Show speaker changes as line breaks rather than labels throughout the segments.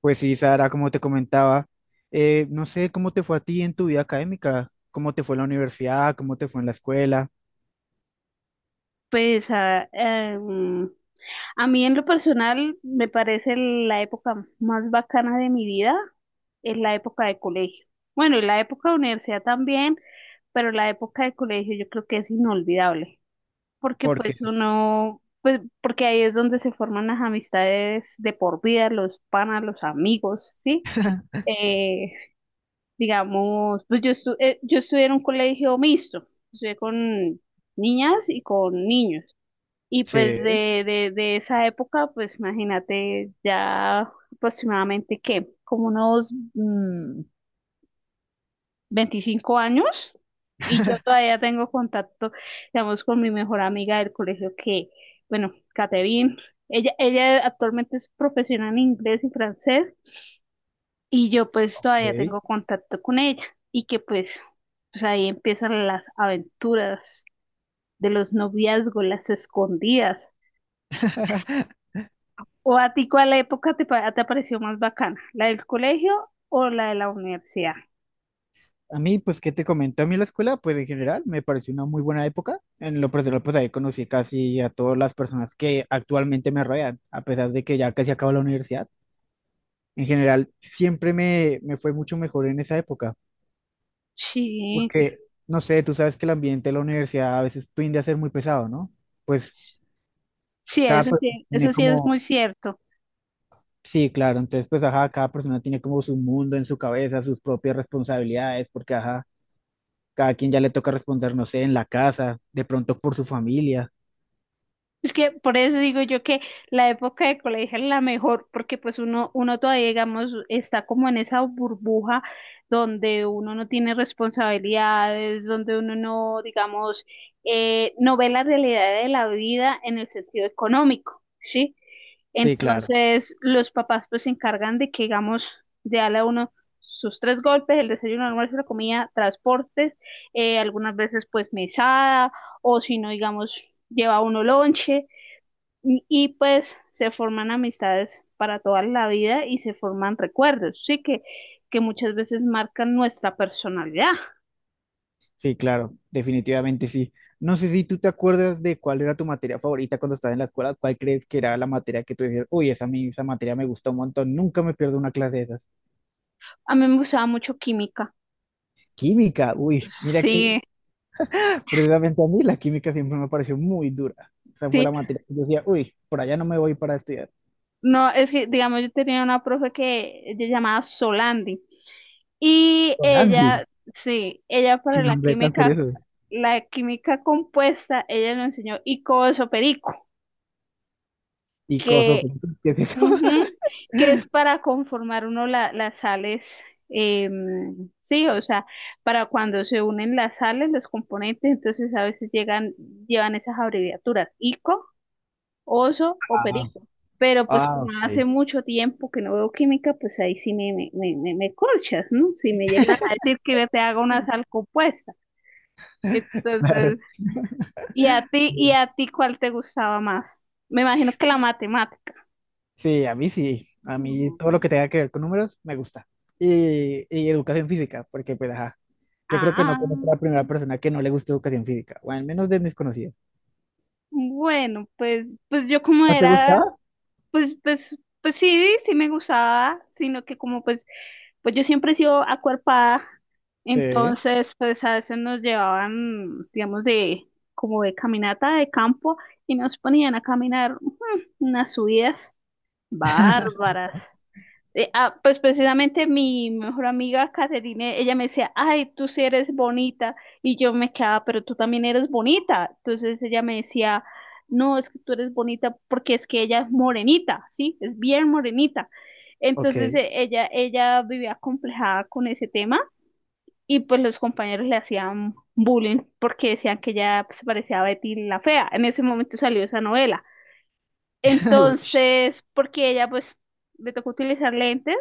Pues sí, Sara, como te comentaba, no sé cómo te fue a ti en tu vida académica, cómo te fue en la universidad, cómo te fue en la escuela,
Pues a, em, a mí en lo personal me parece la época más bacana de mi vida es la época de colegio. Bueno, y la época de universidad también, pero la época de colegio yo creo que es inolvidable, porque pues
porque
uno, pues porque ahí es donde se forman las amistades de por vida, los panas, los amigos, ¿sí? Eh, digamos, pues yo, yo estudié en un colegio mixto, estudié con niñas y con niños. Y pues
sí,
de esa época, pues imagínate ya aproximadamente que como unos 25 años, y yo todavía tengo contacto, digamos, con mi mejor amiga del colegio que, bueno, Catherine. Ella actualmente es profesional en inglés y francés, y yo pues
ok.
todavía tengo contacto con ella. Y que pues, pues ahí empiezan las aventuras de los noviazgos, las escondidas. ¿O a ti cuál época te pareció más bacana? ¿La del colegio o la de la universidad?
A mí, pues, ¿qué te comento? A mí la escuela, pues, en general, me pareció una muy buena época. En lo personal, pues, ahí conocí casi a todas las personas que actualmente me rodean, a pesar de que ya casi acabo la universidad. En general, siempre me fue mucho mejor en esa época,
Sí,
porque, no sé, tú sabes que el ambiente de la universidad a veces tiende a ser muy pesado, ¿no? Pues,
sí,
cada
eso
persona
sí, eso
tiene
sí es
como,
muy cierto.
sí, claro, entonces pues ajá, cada persona tiene como su mundo en su cabeza, sus propias responsabilidades, porque ajá, cada quien ya le toca responder, no sé, en la casa, de pronto por su familia.
Es que por eso digo yo que la época de colegio es la mejor, porque pues uno, uno todavía, digamos, está como en esa burbuja donde uno no tiene responsabilidades, donde uno no, digamos, no ve la realidad de la vida en el sentido económico, ¿sí?
Sí, claro.
Entonces, los papás pues se encargan de que, digamos, de darle a uno sus tres golpes, el desayuno, el almuerzo, la comida, transportes, algunas veces pues mesada o si no, digamos, lleva uno lonche pues se forman amistades para toda la vida y se forman recuerdos, sí que muchas veces marcan nuestra personalidad.
Sí, claro, definitivamente sí. No sé si tú te acuerdas de cuál era tu materia favorita cuando estabas en la escuela, cuál crees que era la materia que tú decías, uy, esa, esa materia me gustó un montón, nunca me pierdo una clase de esas.
A mí me gustaba mucho química.
Química, uy, mira que
Sí,
precisamente a mí la química siempre me pareció muy dura. Esa fue
sí.
la materia que yo decía, uy, por allá no me voy para estudiar.
No, es que, digamos, yo tenía una profe que ella llamaba Solandi y
Solandi,
ella, sí, ella para
qué nombre tan curioso.
la química compuesta, ella nos enseñó icoso perico
Y coso,
que
pues, ¿qué es eso?
Ujú, que es para conformar uno las sales, sí, o sea, para cuando se unen las sales, los componentes, entonces a veces llegan, llevan esas abreviaturas, ICO, oso o
Ah,
perico. Pero pues
ah,
como
ok,
hace mucho tiempo que no veo química, pues ahí sí me corchas, ¿no? Si me llegas a decir que yo te haga una sal compuesta. Entonces, y
claro.
a ti cuál te gustaba más? Me imagino que la matemática.
Sí. A mí
Mm.
todo lo que tenga que ver con números me gusta. Y educación física, porque pues ajá, yo creo que no
Ah.
conozco a la primera persona que no le guste educación física, o al menos de mis conocidos.
Bueno, pues, pues yo como
¿No te
era,
gustaba?
pues, pues, pues sí, sí me gustaba, sino que como pues, pues yo siempre he sido acuerpada,
Sí.
entonces pues a veces nos llevaban, digamos, de, como de caminata de campo y nos ponían a caminar unas subidas bárbaras, pues precisamente mi mejor amiga Caterine, ella me decía, ay, tú sí eres bonita, y yo me quedaba, pero tú también eres bonita. Entonces ella me decía, no, es que tú eres bonita porque es que ella es morenita, ¿sí? Es bien morenita. Entonces
Ok.
ella vivía complejada con ese tema, y pues los compañeros le hacían bullying porque decían que ella se parecía a Betty la Fea. En ese momento salió esa novela.
Ush.
Entonces, porque ella pues le tocó utilizar lentes,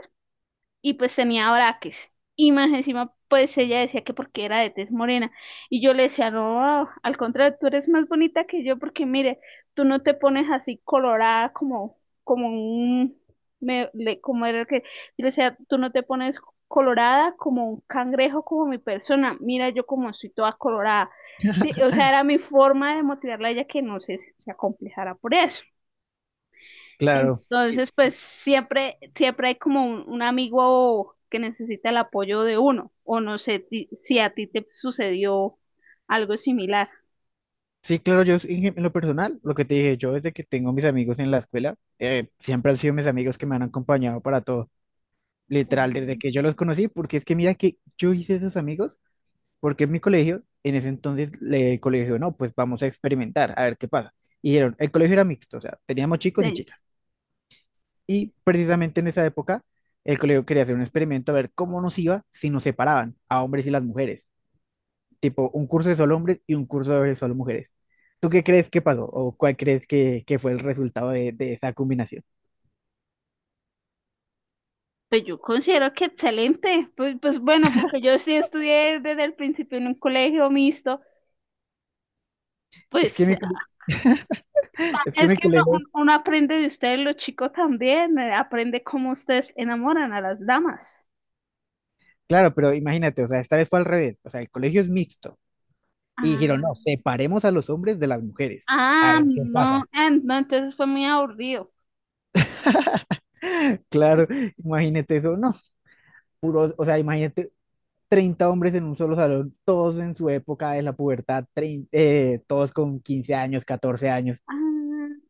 y pues tenía braques. Y más encima, pues ella decía que porque era de tez morena. Y yo le decía, no, al contrario, tú eres más bonita que yo porque mire, tú no te pones así colorada como, como un, me- le- como era el que, yo le decía, tú no te pones colorada como un cangrejo, como mi persona. Mira, yo como estoy toda colorada. Sí, o sea, era mi forma de motivarla a ella que no se, se acomplejara por eso.
Claro. Y-
Entonces, pues siempre, siempre hay como un amigo que necesita el apoyo de uno, o no sé si a ti te sucedió algo similar.
sí, claro, yo en lo personal, lo que te dije, yo desde que tengo mis amigos en la escuela, siempre han sido mis amigos que me han acompañado para todo, literal, desde
Mm.
que yo los conocí, porque es que mira que yo hice esos amigos. Porque en mi colegio, en ese entonces, el colegio, no, pues vamos a experimentar, a ver qué pasa. Y dijeron, el colegio era mixto, o sea, teníamos chicos y
Sí.
chicas. Y precisamente en esa época, el colegio quería hacer un experimento a ver cómo nos iba si nos separaban a hombres y las mujeres. Tipo, un curso de solo hombres y un curso de solo mujeres. ¿Tú qué crees que pasó? ¿O cuál crees que fue el resultado de esa combinación?
Pues yo considero que excelente, pues, pues bueno, porque yo sí estudié desde el principio en un colegio mixto,
Es que
pues o
mi, cole-
sea,
Es que
es
mi
que uno,
colegio,
uno aprende de ustedes, los chicos también, aprende cómo ustedes enamoran a las damas.
claro, pero imagínate, o sea, esta vez fue al revés. O sea, el colegio es mixto. Y dijeron, no,
Ah,
separemos a los hombres de las mujeres. A
ah,
ver qué
no,
pasa.
ah, no, entonces fue muy aburrido.
Claro, imagínate eso, no, puro, o sea, imagínate 30 hombres en un solo salón, todos en su época de la pubertad, todos con 15 años, 14 años.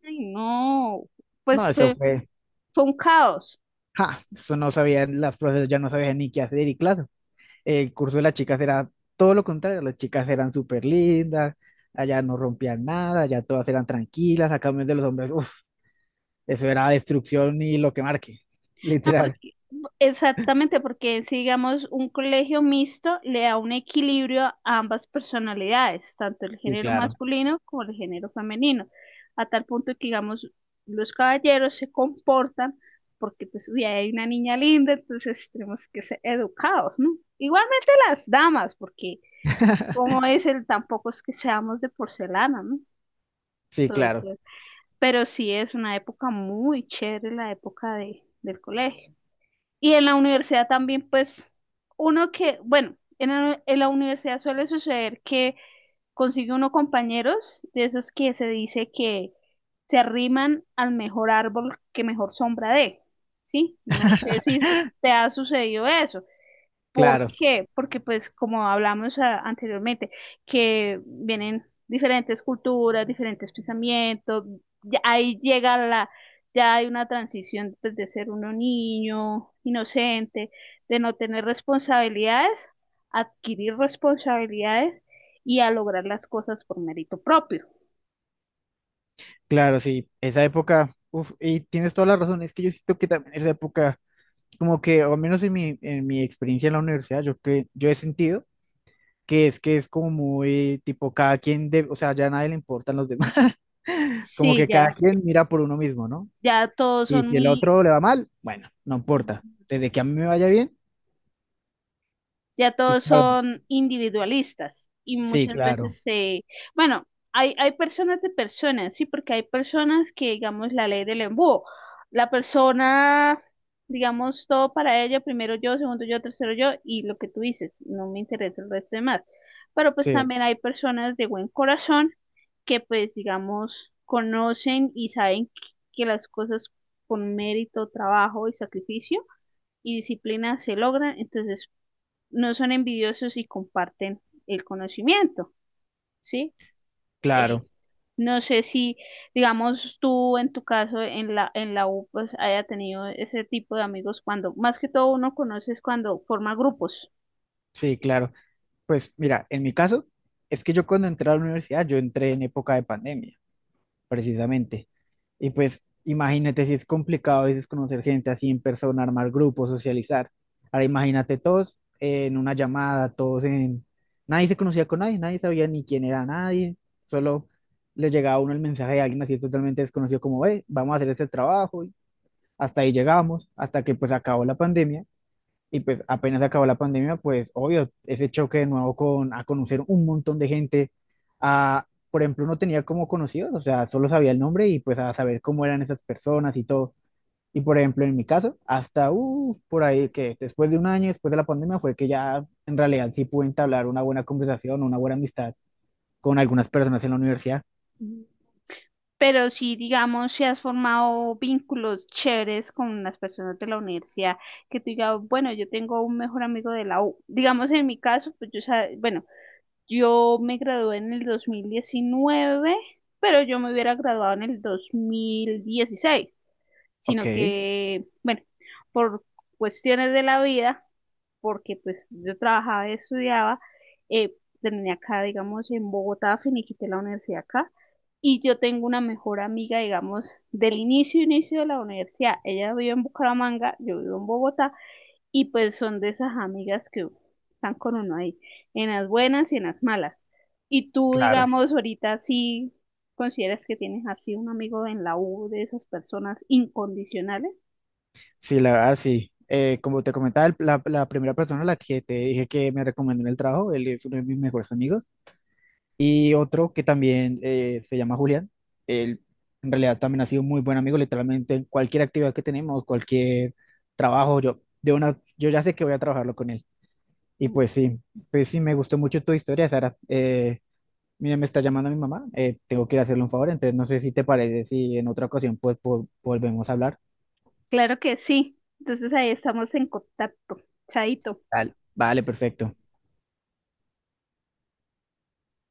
Ay, no,
No,
pues
eso
fue,
fue,
fue un caos.
ja, eso no sabían, las profesoras ya no sabían ni qué hacer y claro, el curso de las chicas era todo lo contrario, las chicas eran súper lindas, allá no rompían nada, allá todas eran tranquilas, a cambio de los hombres, uff, eso era destrucción y lo que marque,
No,
literal.
porque, exactamente, porque si digamos un colegio mixto le da un equilibrio a ambas personalidades, tanto el
Sí,
género
claro.
masculino como el género femenino, a tal punto que digamos los caballeros se comportan porque pues uy, hay una niña linda, entonces tenemos que ser educados, ¿no? Igualmente las damas, porque como es el tampoco es que seamos de porcelana, ¿no?
Sí, claro.
Entonces, pero sí es una época muy chévere la época de, del colegio. Y en la universidad también, pues, uno que, bueno, en la universidad suele suceder que consigue uno compañeros de esos que se dice que se arriman al mejor árbol que mejor sombra dé, ¿sí? No sé si te ha sucedido eso. ¿Por
Claro,
qué? Porque pues como hablamos anteriormente, que vienen diferentes culturas, diferentes pensamientos, ya ahí llega la, ya hay una transición pues, de ser uno niño, inocente, de no tener responsabilidades, adquirir responsabilidades y a lograr las cosas por mérito propio.
claro, sí. Esa época, uf, y tienes toda la razón, es que yo siento que también esa época, como que, o al menos en mi experiencia en la universidad, yo he sentido que es como muy tipo cada quien de, o sea, ya a nadie le importan los demás. Como
Sí,
que cada
ya,
quien mira por uno mismo, ¿no?
ya todos
Y
son
si el
muy
otro le va mal, bueno, no importa. Desde que a mí me vaya bien,
ya
y
todos
claro,
son individualistas y
sí,
muchas
claro,
veces se, bueno, hay personas de personas, sí, porque hay personas que, digamos, la ley del embudo, la persona, digamos, todo para ella, primero yo, segundo yo, tercero yo, y lo que tú dices, no me interesa el resto de más. Pero pues
sí,
también hay personas de buen corazón que pues, digamos, conocen y saben que las cosas con mérito, trabajo y sacrificio y disciplina se logran, entonces no son envidiosos y comparten el conocimiento, ¿sí? Eh,
claro,
no sé si, digamos, tú en tu caso en la U, pues haya tenido ese tipo de amigos cuando, más que todo uno conoces cuando forma grupos.
sí, claro. Pues mira, en mi caso, es que yo cuando entré a la universidad, yo entré en época de pandemia, precisamente. Y pues imagínate si es complicado a veces conocer gente así en persona, armar grupos, socializar. Ahora imagínate todos en una llamada, todos en... Nadie se conocía con nadie, nadie sabía ni quién era nadie, solo le llegaba a uno el mensaje de alguien así totalmente desconocido como, ve, vamos a hacer este trabajo, y hasta ahí llegamos, hasta que pues acabó la pandemia y pues apenas acabó la pandemia, pues obvio, ese choque de nuevo con a conocer un montón de gente. A, por ejemplo, no tenía como conocidos, o sea, solo sabía el nombre y pues a saber cómo eran esas personas y todo. Y por ejemplo, en mi caso, hasta por ahí que después de un año, después de la pandemia, fue que ya en realidad sí pude entablar una buena conversación, una buena amistad con algunas personas en la universidad.
Mm. Pero si, digamos, si has formado vínculos chéveres con las personas de la universidad, que te diga, bueno, yo tengo un mejor amigo de la U. Digamos, en mi caso, pues yo, bueno, yo me gradué en el 2019, pero yo me hubiera graduado en el 2016,
Ok,
sino que, bueno, por cuestiones de la vida, porque pues yo trabajaba y estudiaba, eh, terminé acá, digamos, en Bogotá, finiquité la universidad acá, y yo tengo una mejor amiga, digamos, del inicio, inicio de la universidad. Ella vive en Bucaramanga, yo vivo en Bogotá, y pues son de esas amigas que están con uno ahí, en las buenas y en las malas. Y tú,
claro.
digamos, ahorita sí consideras que tienes así un amigo en la U de esas personas incondicionales.
Sí, la verdad, sí. Como te comentaba, la primera persona a la que te dije que me recomendó en el trabajo, él es uno de mis mejores amigos. Y otro que también se llama Julián. Él en realidad también ha sido muy buen amigo, literalmente en cualquier actividad que tenemos, cualquier trabajo, yo, de una, yo ya sé que voy a trabajarlo con él. Y pues sí, pues sí, me gustó mucho tu historia, Sara. Mira, me está llamando mi mamá, tengo que ir a hacerle un favor, entonces no sé si te parece, si en otra ocasión volvemos a hablar.
Claro que sí. Entonces ahí estamos en contacto. Chaito.
Dale. Vale, perfecto.